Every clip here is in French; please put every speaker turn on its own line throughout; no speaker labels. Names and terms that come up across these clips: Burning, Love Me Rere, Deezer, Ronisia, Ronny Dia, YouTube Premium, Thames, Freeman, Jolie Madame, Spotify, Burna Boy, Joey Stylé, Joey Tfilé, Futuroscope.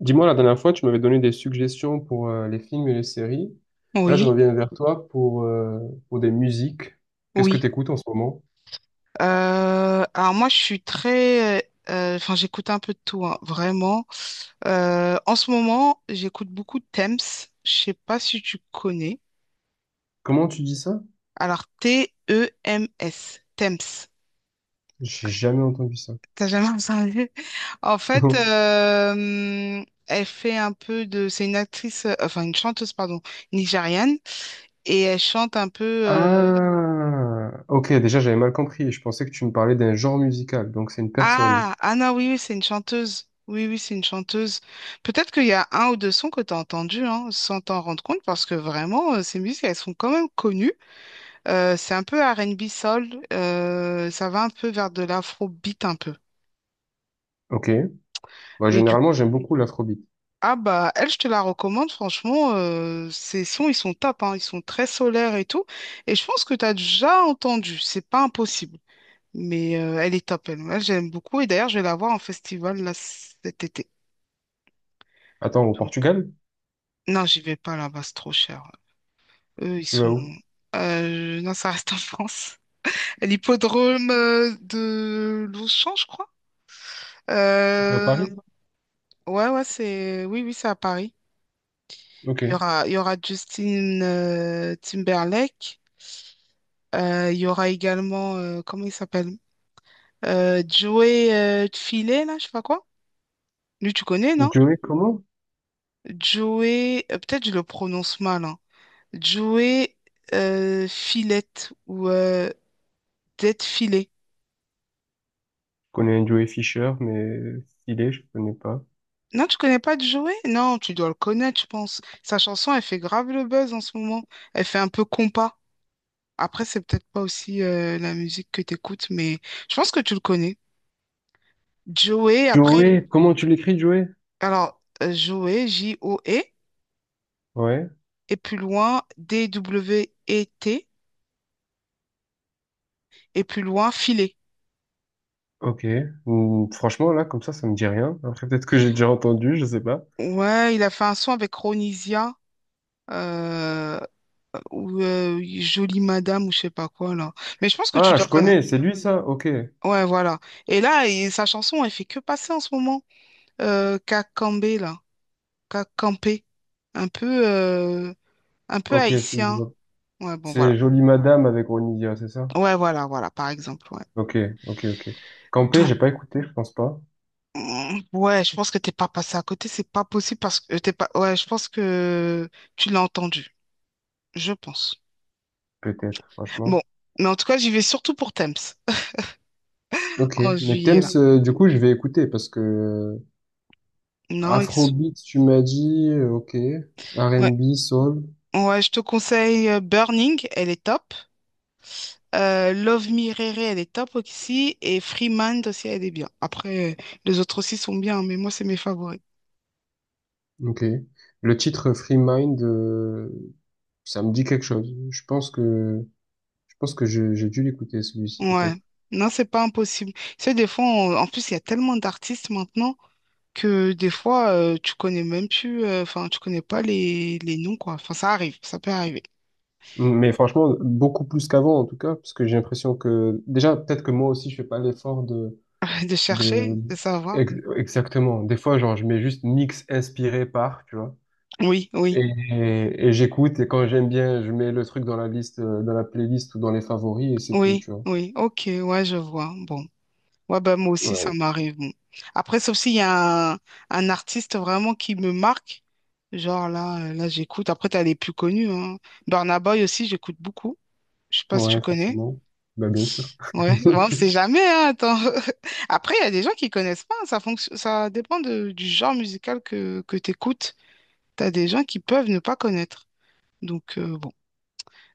Dis-moi, la dernière fois, tu m'avais donné des suggestions pour les films et les séries. Là, je
Oui,
reviens vers toi pour des musiques. Qu'est-ce que
oui.
tu écoutes en ce moment?
Alors moi, je suis très, enfin, j'écoute un peu de tout, hein, vraiment. En ce moment, j'écoute beaucoup Thames. Je sais pas si tu connais.
Comment tu dis ça?
Alors, T-E-M-S. Thames.
J'ai jamais entendu ça.
T'as jamais entendu? En fait, elle fait un peu de... C'est une actrice, enfin une chanteuse, pardon, nigériane. Et elle chante un peu...
Ah, ok, déjà, j'avais mal compris. Je pensais que tu me parlais d'un genre musical, donc c'est une personne.
ah, Anna, oui, oui, c'est une chanteuse. Oui, oui, c'est une chanteuse. Peut-être qu'il y a un ou deux sons que tu as entendus, hein, sans t'en rendre compte, parce que vraiment, ces musiques, elles sont quand même connues. C'est un peu R&B soul, ça va un peu vers de l'afrobeat un peu.
Ok. Bah,
Et du
généralement,
coup,
j'aime beaucoup l'afrobeat.
ah bah, elle, je te la recommande, franchement, ces sons, ils sont top, hein, ils sont très solaires et tout. Et je pense que tu as déjà entendu, c'est pas impossible. Mais elle est top, elle. Moi, j'aime beaucoup. Et d'ailleurs, je vais la voir en festival là, cet été.
Attends, au Portugal?
Non, j'y vais pas là-bas, c'est trop cher. Eux, ils
Tu vas
sont...
où?
Non, ça reste en France. L'hippodrome de Longchamp, je crois.
C'est à
Euh,
Paris, ça?
ouais, ouais, c'est... Oui, oui, c'est à Paris. Il y
Ok.
aura, il y aura Justin Timberlake. Il y aura également... comment il s'appelle? Joey Tfilé, là, je sais pas quoi. Lui, tu connais, non?
Joey, comment?
Joey... peut-être je le prononce mal, hein. Joey Filette ou Filet.
Je connais un Joey Fisher, mais Stylé, je connais pas.
Non, tu connais pas Joey? Non, tu dois le connaître, je pense. Sa chanson, elle fait grave le buzz en ce moment. Elle fait un peu compas. Après, c'est peut-être pas aussi la musique que t'écoutes, mais je pense que tu le connais. Joey, après,
Joey, comment tu l'écris, Joey?
alors, Joey, J-O-E,
Ouais.
et plus loin, D-W-E-T, et plus loin, Filet.
Ok. Ou franchement, là, comme ça me dit rien. Après, peut-être que j'ai déjà entendu, je sais pas.
Ouais, il a fait un son avec Ronisia, euh, ou Jolie Madame, ou je sais pas quoi, là. Mais je pense que tu
Ah,
dois
je
connaître.
connais, c'est lui, ça? Ok.
Ouais, voilà. Et là, sa chanson, elle fait que passer en ce moment. Qu'a campé, là, qu'a campé, un peu, euh, un peu
Ok, si, je
haïtien.
vois.
Ouais, bon, voilà.
C'est Jolie Madame avec Ronny Dia, c'est ça?
Ouais, voilà, voilà, par exemple, ouais.
Ok, ok, ok. Campé,
Donc,
j'ai pas écouté, je pense pas.
ouais, je pense que t'es pas passé à côté, c'est pas possible parce que t'es pas, ouais, je pense que tu l'as entendu, je pense.
Peut-être,
Bon,
franchement.
mais en tout cas, j'y vais surtout pour Thames
Ok.
en
Mais
juillet,
Thames,
là.
du coup, je vais écouter parce que.
Non,
Afrobeat, tu m'as dit, ok.
ouais,
R&B, Soul,
ouais, je te conseille Burning, elle est top. Love Me Rere, elle est top aussi. Et Freeman aussi, elle est bien. Après, les autres aussi sont bien, mais moi, c'est mes favoris.
ok. Le titre Free Mind, ça me dit quelque chose. Je pense que j'ai dû l'écouter, celui-ci,
Ouais.
peut-être.
Non, c'est pas impossible. C'est des fois, en plus, il y a tellement d'artistes maintenant que des fois, tu connais même plus, enfin, tu connais pas les noms, quoi. Enfin, ça arrive, ça peut arriver.
Mais franchement, beaucoup plus qu'avant en tout cas, parce que j'ai l'impression que déjà peut-être que moi aussi je fais pas l'effort de,
De chercher,
de
de savoir.
exactement. Des fois, genre je mets juste mix inspiré par, tu vois,
Oui, oui,
et j'écoute et quand j'aime bien, je mets le truc dans la liste, dans la playlist ou dans les favoris et c'est tout,
oui,
tu vois.
oui. Ok, ouais, je vois. Bon. Ouais, bah, moi aussi, ça
Ouais,
m'arrive. Bon. Après, sauf s'il y a un artiste vraiment qui me marque, genre là, là j'écoute. Après, t'as les plus connus, hein. Burna Boy aussi, j'écoute beaucoup. Je sais pas si tu
ouais,
connais.
forcément. Bah bien sûr.
Ouais, ouais, on sait jamais, hein, attends. Après, il y a des gens qui connaissent pas, hein. Ça dépend du genre musical que t'écoutes. T'as des gens qui peuvent ne pas connaître. Donc, bon.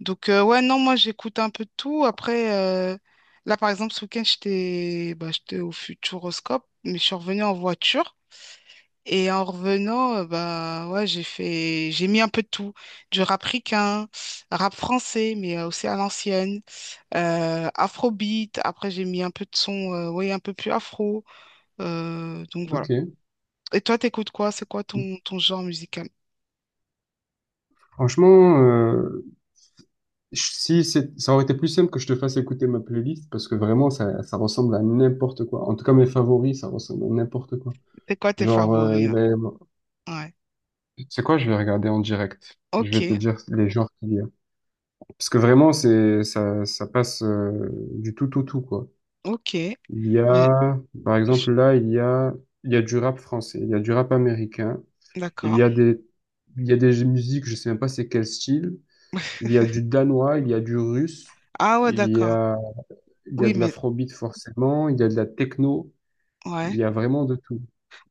Donc, ouais, non, moi, j'écoute un peu de tout. Après, là, par exemple, ce week-end, j'étais bah, j'étais au Futuroscope, mais je suis revenue en voiture. Et en revenant, bah, ouais, j'ai mis un peu de tout. Du rap ricain, rap français, mais aussi à l'ancienne. Afrobeat. Après, j'ai mis un peu de son, ouais, un peu plus afro. Donc, voilà.
Ok.
Et toi, t'écoutes quoi? C'est quoi ton genre musical?
Franchement, Si c'est, ça aurait été plus simple que je te fasse écouter ma playlist parce que vraiment ça, ça ressemble à n'importe quoi. En tout cas mes favoris ça ressemble à n'importe quoi.
C'est quoi tes
Genre
favoris,
il
là?
va y avoir-
Ouais.
Tu sais quoi, je vais regarder en direct. Je vais te
Ok,
dire les genres qu'il y a. Parce que vraiment c'est ça, ça passe du tout au tout quoi.
ok.
Il y
Mais-
a par exemple là il y a du rap français, il y a du rap américain, il
D'accord.
y a des il y a des musiques je sais même pas c'est quel style. Il y a du danois, il y a du russe,
Ah ouais,
il y
d'accord.
a Il y a
Oui,
de
mais
l'afrobeat forcément, il y a de la techno, il
ouais.
y a vraiment de tout.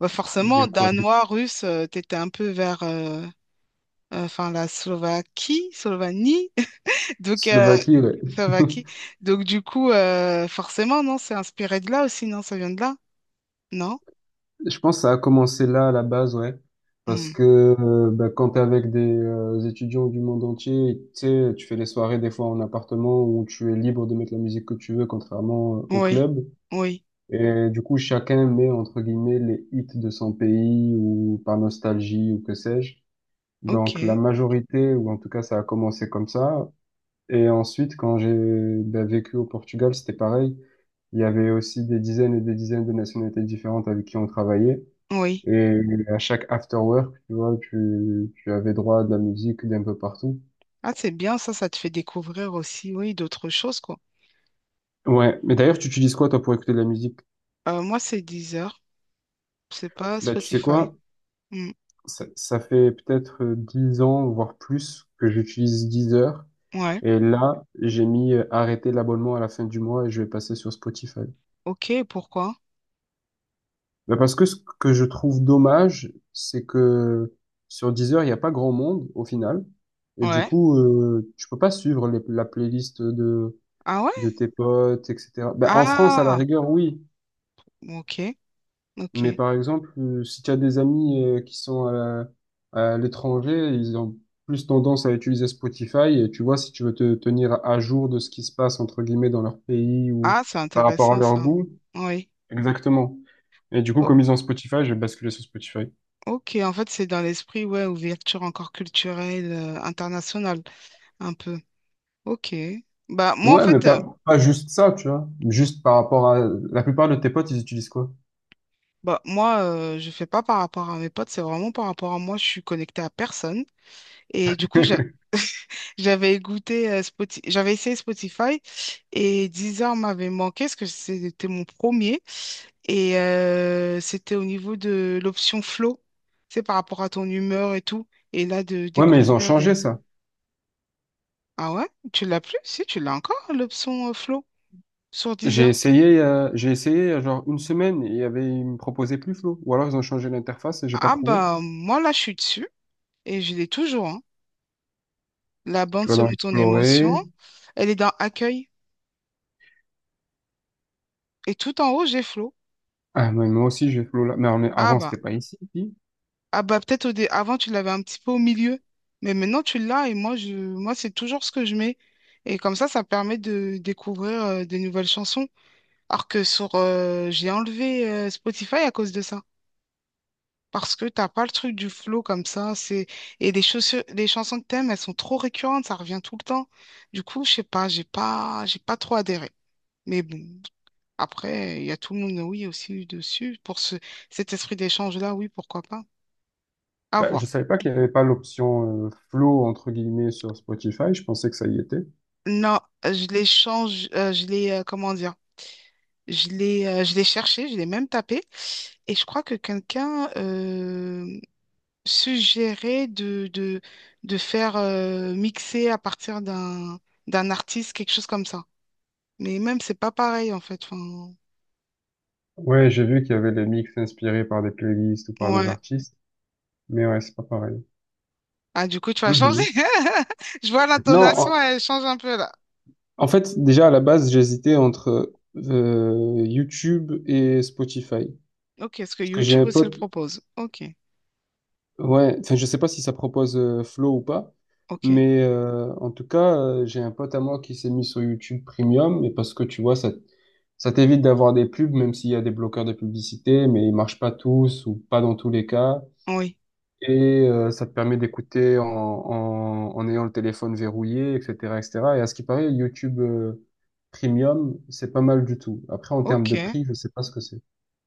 Bah
Il y
forcément,
a quoi? Du
danois, russe, t'étais un peu vers enfin la Slovaquie, Slovanie. Donc
Slovaquie, ouais.
Slovaquie. Donc du coup, forcément, non, c'est inspiré de là aussi, non, ça vient de là, non?
Je pense que ça a commencé là à la base, ouais. Parce
Hmm.
que bah, quand t'es avec des étudiants du monde entier, tu sais, tu fais les soirées des fois en appartement où tu es libre de mettre la musique que tu veux, contrairement au
Oui,
club.
oui,
Et du coup, chacun met entre guillemets les hits de son pays ou par nostalgie ou que sais-je. Donc la
ok,
majorité, ou en tout cas ça a commencé comme ça. Et ensuite, quand j'ai bah, vécu au Portugal, c'était pareil. Il y avait aussi des dizaines et des dizaines de nationalités différentes avec qui on travaillait.
oui.
Et à chaque after work, tu vois, tu avais droit à de la musique d'un peu partout.
Ah, c'est bien, ça te fait découvrir aussi, oui, d'autres choses, quoi.
Ouais, mais d'ailleurs, tu utilises quoi, toi, pour écouter de la musique?
Moi, c'est Deezer, c'est pas
Bah, tu sais
Spotify.
quoi?
Hmm.
Ça fait peut-être 10 ans, voire plus, que j'utilise Deezer.
Ouais,
Et là, j'ai mis arrêter l'abonnement à la fin du mois et je vais passer sur Spotify.
ok, pourquoi?
Ben parce que ce que je trouve dommage, c'est que sur Deezer, il n'y a pas grand monde au final. Et du
Ouais.
coup, tu peux pas suivre la playlist
Ah ouais?
de tes potes, etc. Ben, en France, à la
Ah,
rigueur, oui.
ok. Ok.
Mais par exemple, si tu as des amis qui sont à l'étranger, ils ont plus tendance à utiliser Spotify. Et tu vois, si tu veux te tenir à jour de ce qui se passe, entre guillemets, dans leur pays ou
Ah, c'est
par rapport à
intéressant,
leur
ça.
goût.
Oui.
Exactement. Et du coup,
O-
comme ils ont Spotify, je vais basculer sur Spotify.
ok, en fait, c'est dans l'esprit, ouais, ouverture encore culturelle, internationale, un peu. Ok. Bah, moi, en
Ouais, mais
fait,
pas juste ça, tu vois. Juste par rapport à... La plupart de tes potes, ils utilisent quoi?
bah, moi, je fais pas par rapport à mes potes, c'est vraiment par rapport à moi, je suis connectée à personne. Et du coup, j'ai. J'avais goûté j'avais essayé Spotify et Deezer m'avait manqué parce que c'était mon premier et c'était au niveau de l'option flow, c'est par rapport à ton humeur et tout. Et là, de
Ouais, mais ils ont
découvrir
changé
des...
ça.
Ah ouais? Tu l'as plus? Si, tu l'as encore, l'option flow sur
J'ai
Deezer.
essayé, euh, j'ai essayé euh, genre une semaine et il y avait, ils me proposaient plus Flow. Ou alors ils ont changé l'interface et j'ai pas
Ah
trouvé.
bah, moi là, je suis dessus et je l'ai toujours, hein. La
Tu
bande
vas dans
selon ton émotion,
Explorer.
elle est dans Accueil et tout en haut, j'ai flow.
Ah, mais moi aussi j'ai Flow là. Mais on est-
Ah
avant
bah.
c'était pas ici. Puis,
Ah bah peut-être avant tu l'avais un petit peu au milieu, mais maintenant tu l'as et moi c'est toujours ce que je mets. Et comme ça permet de découvrir des nouvelles chansons. Alors que sur j'ai enlevé Spotify à cause de ça. Parce que t'as pas le truc du flow comme ça. C'est et les chansons que t'aimes, elles sont trop récurrentes, ça revient tout le temps. Du coup, je sais pas, j'ai pas trop adhéré. Mais bon, après, il y a tout le monde, oui, aussi dessus. Pour ce cet esprit d'échange-là, oui, pourquoi pas. À
bah, je
voir.
savais pas qu'il y avait pas l'option Flow entre guillemets sur Spotify. Je pensais que ça y était.
Non, je l'ai change, je l'ai, comment dire, je l'ai cherché, je l'ai même tapé, et je crois que quelqu'un suggérait de faire mixer à partir d'un artiste, quelque chose comme ça. Mais même, c'est pas pareil, en fait. Enfin,
Ouais, j'ai vu qu'il y avait des mix inspirés par des playlists ou par des
ouais.
artistes, mais ouais, c'est pas pareil.
Ah, du coup, tu vas changer.
Mhm.
Je vois
Non, en,
l'intonation, elle change un peu là.
en fait, déjà à la base, j'hésitais entre YouTube et Spotify.
Ok, est-ce que
Parce que j'ai un
YouTube aussi le
pote,
propose? Ok,
ouais, enfin, je sais pas si ça propose Flow ou pas,
ok,
mais en tout cas, j'ai un pote à moi qui s'est mis sur YouTube Premium, et parce que tu vois, ça t'évite d'avoir des pubs, même s'il y a des bloqueurs de publicité, mais ils marchent pas tous ou pas dans tous les cas.
oui,
Et ça te permet d'écouter en ayant le téléphone verrouillé, etc., etc. Et cetera. Et à ce qui paraît, YouTube Premium, c'est pas mal du tout. Après, en termes de
ok.
prix, je sais pas ce que c'est.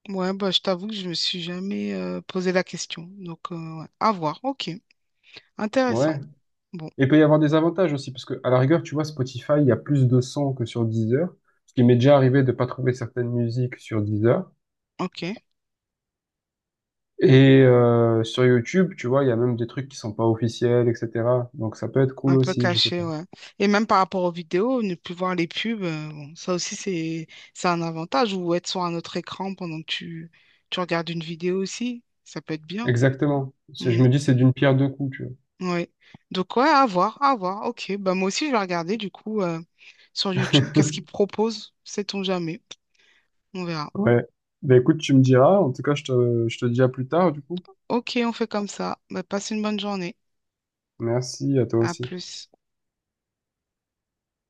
Ouais, bah, je t'avoue que je me suis jamais posé la question. Donc, ouais. À voir. Ok. Intéressant.
Ouais.
Bon,
Et il peut y avoir des avantages aussi, parce que à la rigueur, tu vois, Spotify, il y a plus de sons que sur Deezer, ce qui m'est déjà arrivé de pas trouver certaines musiques sur Deezer.
ok.
Et sur YouTube, tu vois, il y a même des trucs qui sont pas officiels, etc. Donc ça peut être cool
Un peu
aussi, je sais
caché,
pas.
ouais. Et même par rapport aux vidéos, ne plus voir les pubs, bon, ça aussi, c'est un avantage. Ou être sur un autre écran pendant que tu regardes une vidéo aussi, ça peut être bien.
Exactement. C'est- Je
Mm,
me dis, c'est d'une pierre deux coups, tu
ouais. Donc, ouais, à voir, à voir. Ok. Bah, moi aussi, je vais regarder, du coup, sur YouTube,
vois.
qu'est-ce qu'ils proposent. Sait-on jamais. On verra.
Ouais. Ben écoute, tu me diras. En tout cas, je te dis à plus tard, du coup.
Ok, on fait comme ça. Bah, passe une bonne journée.
Merci à toi
À
aussi.
plus.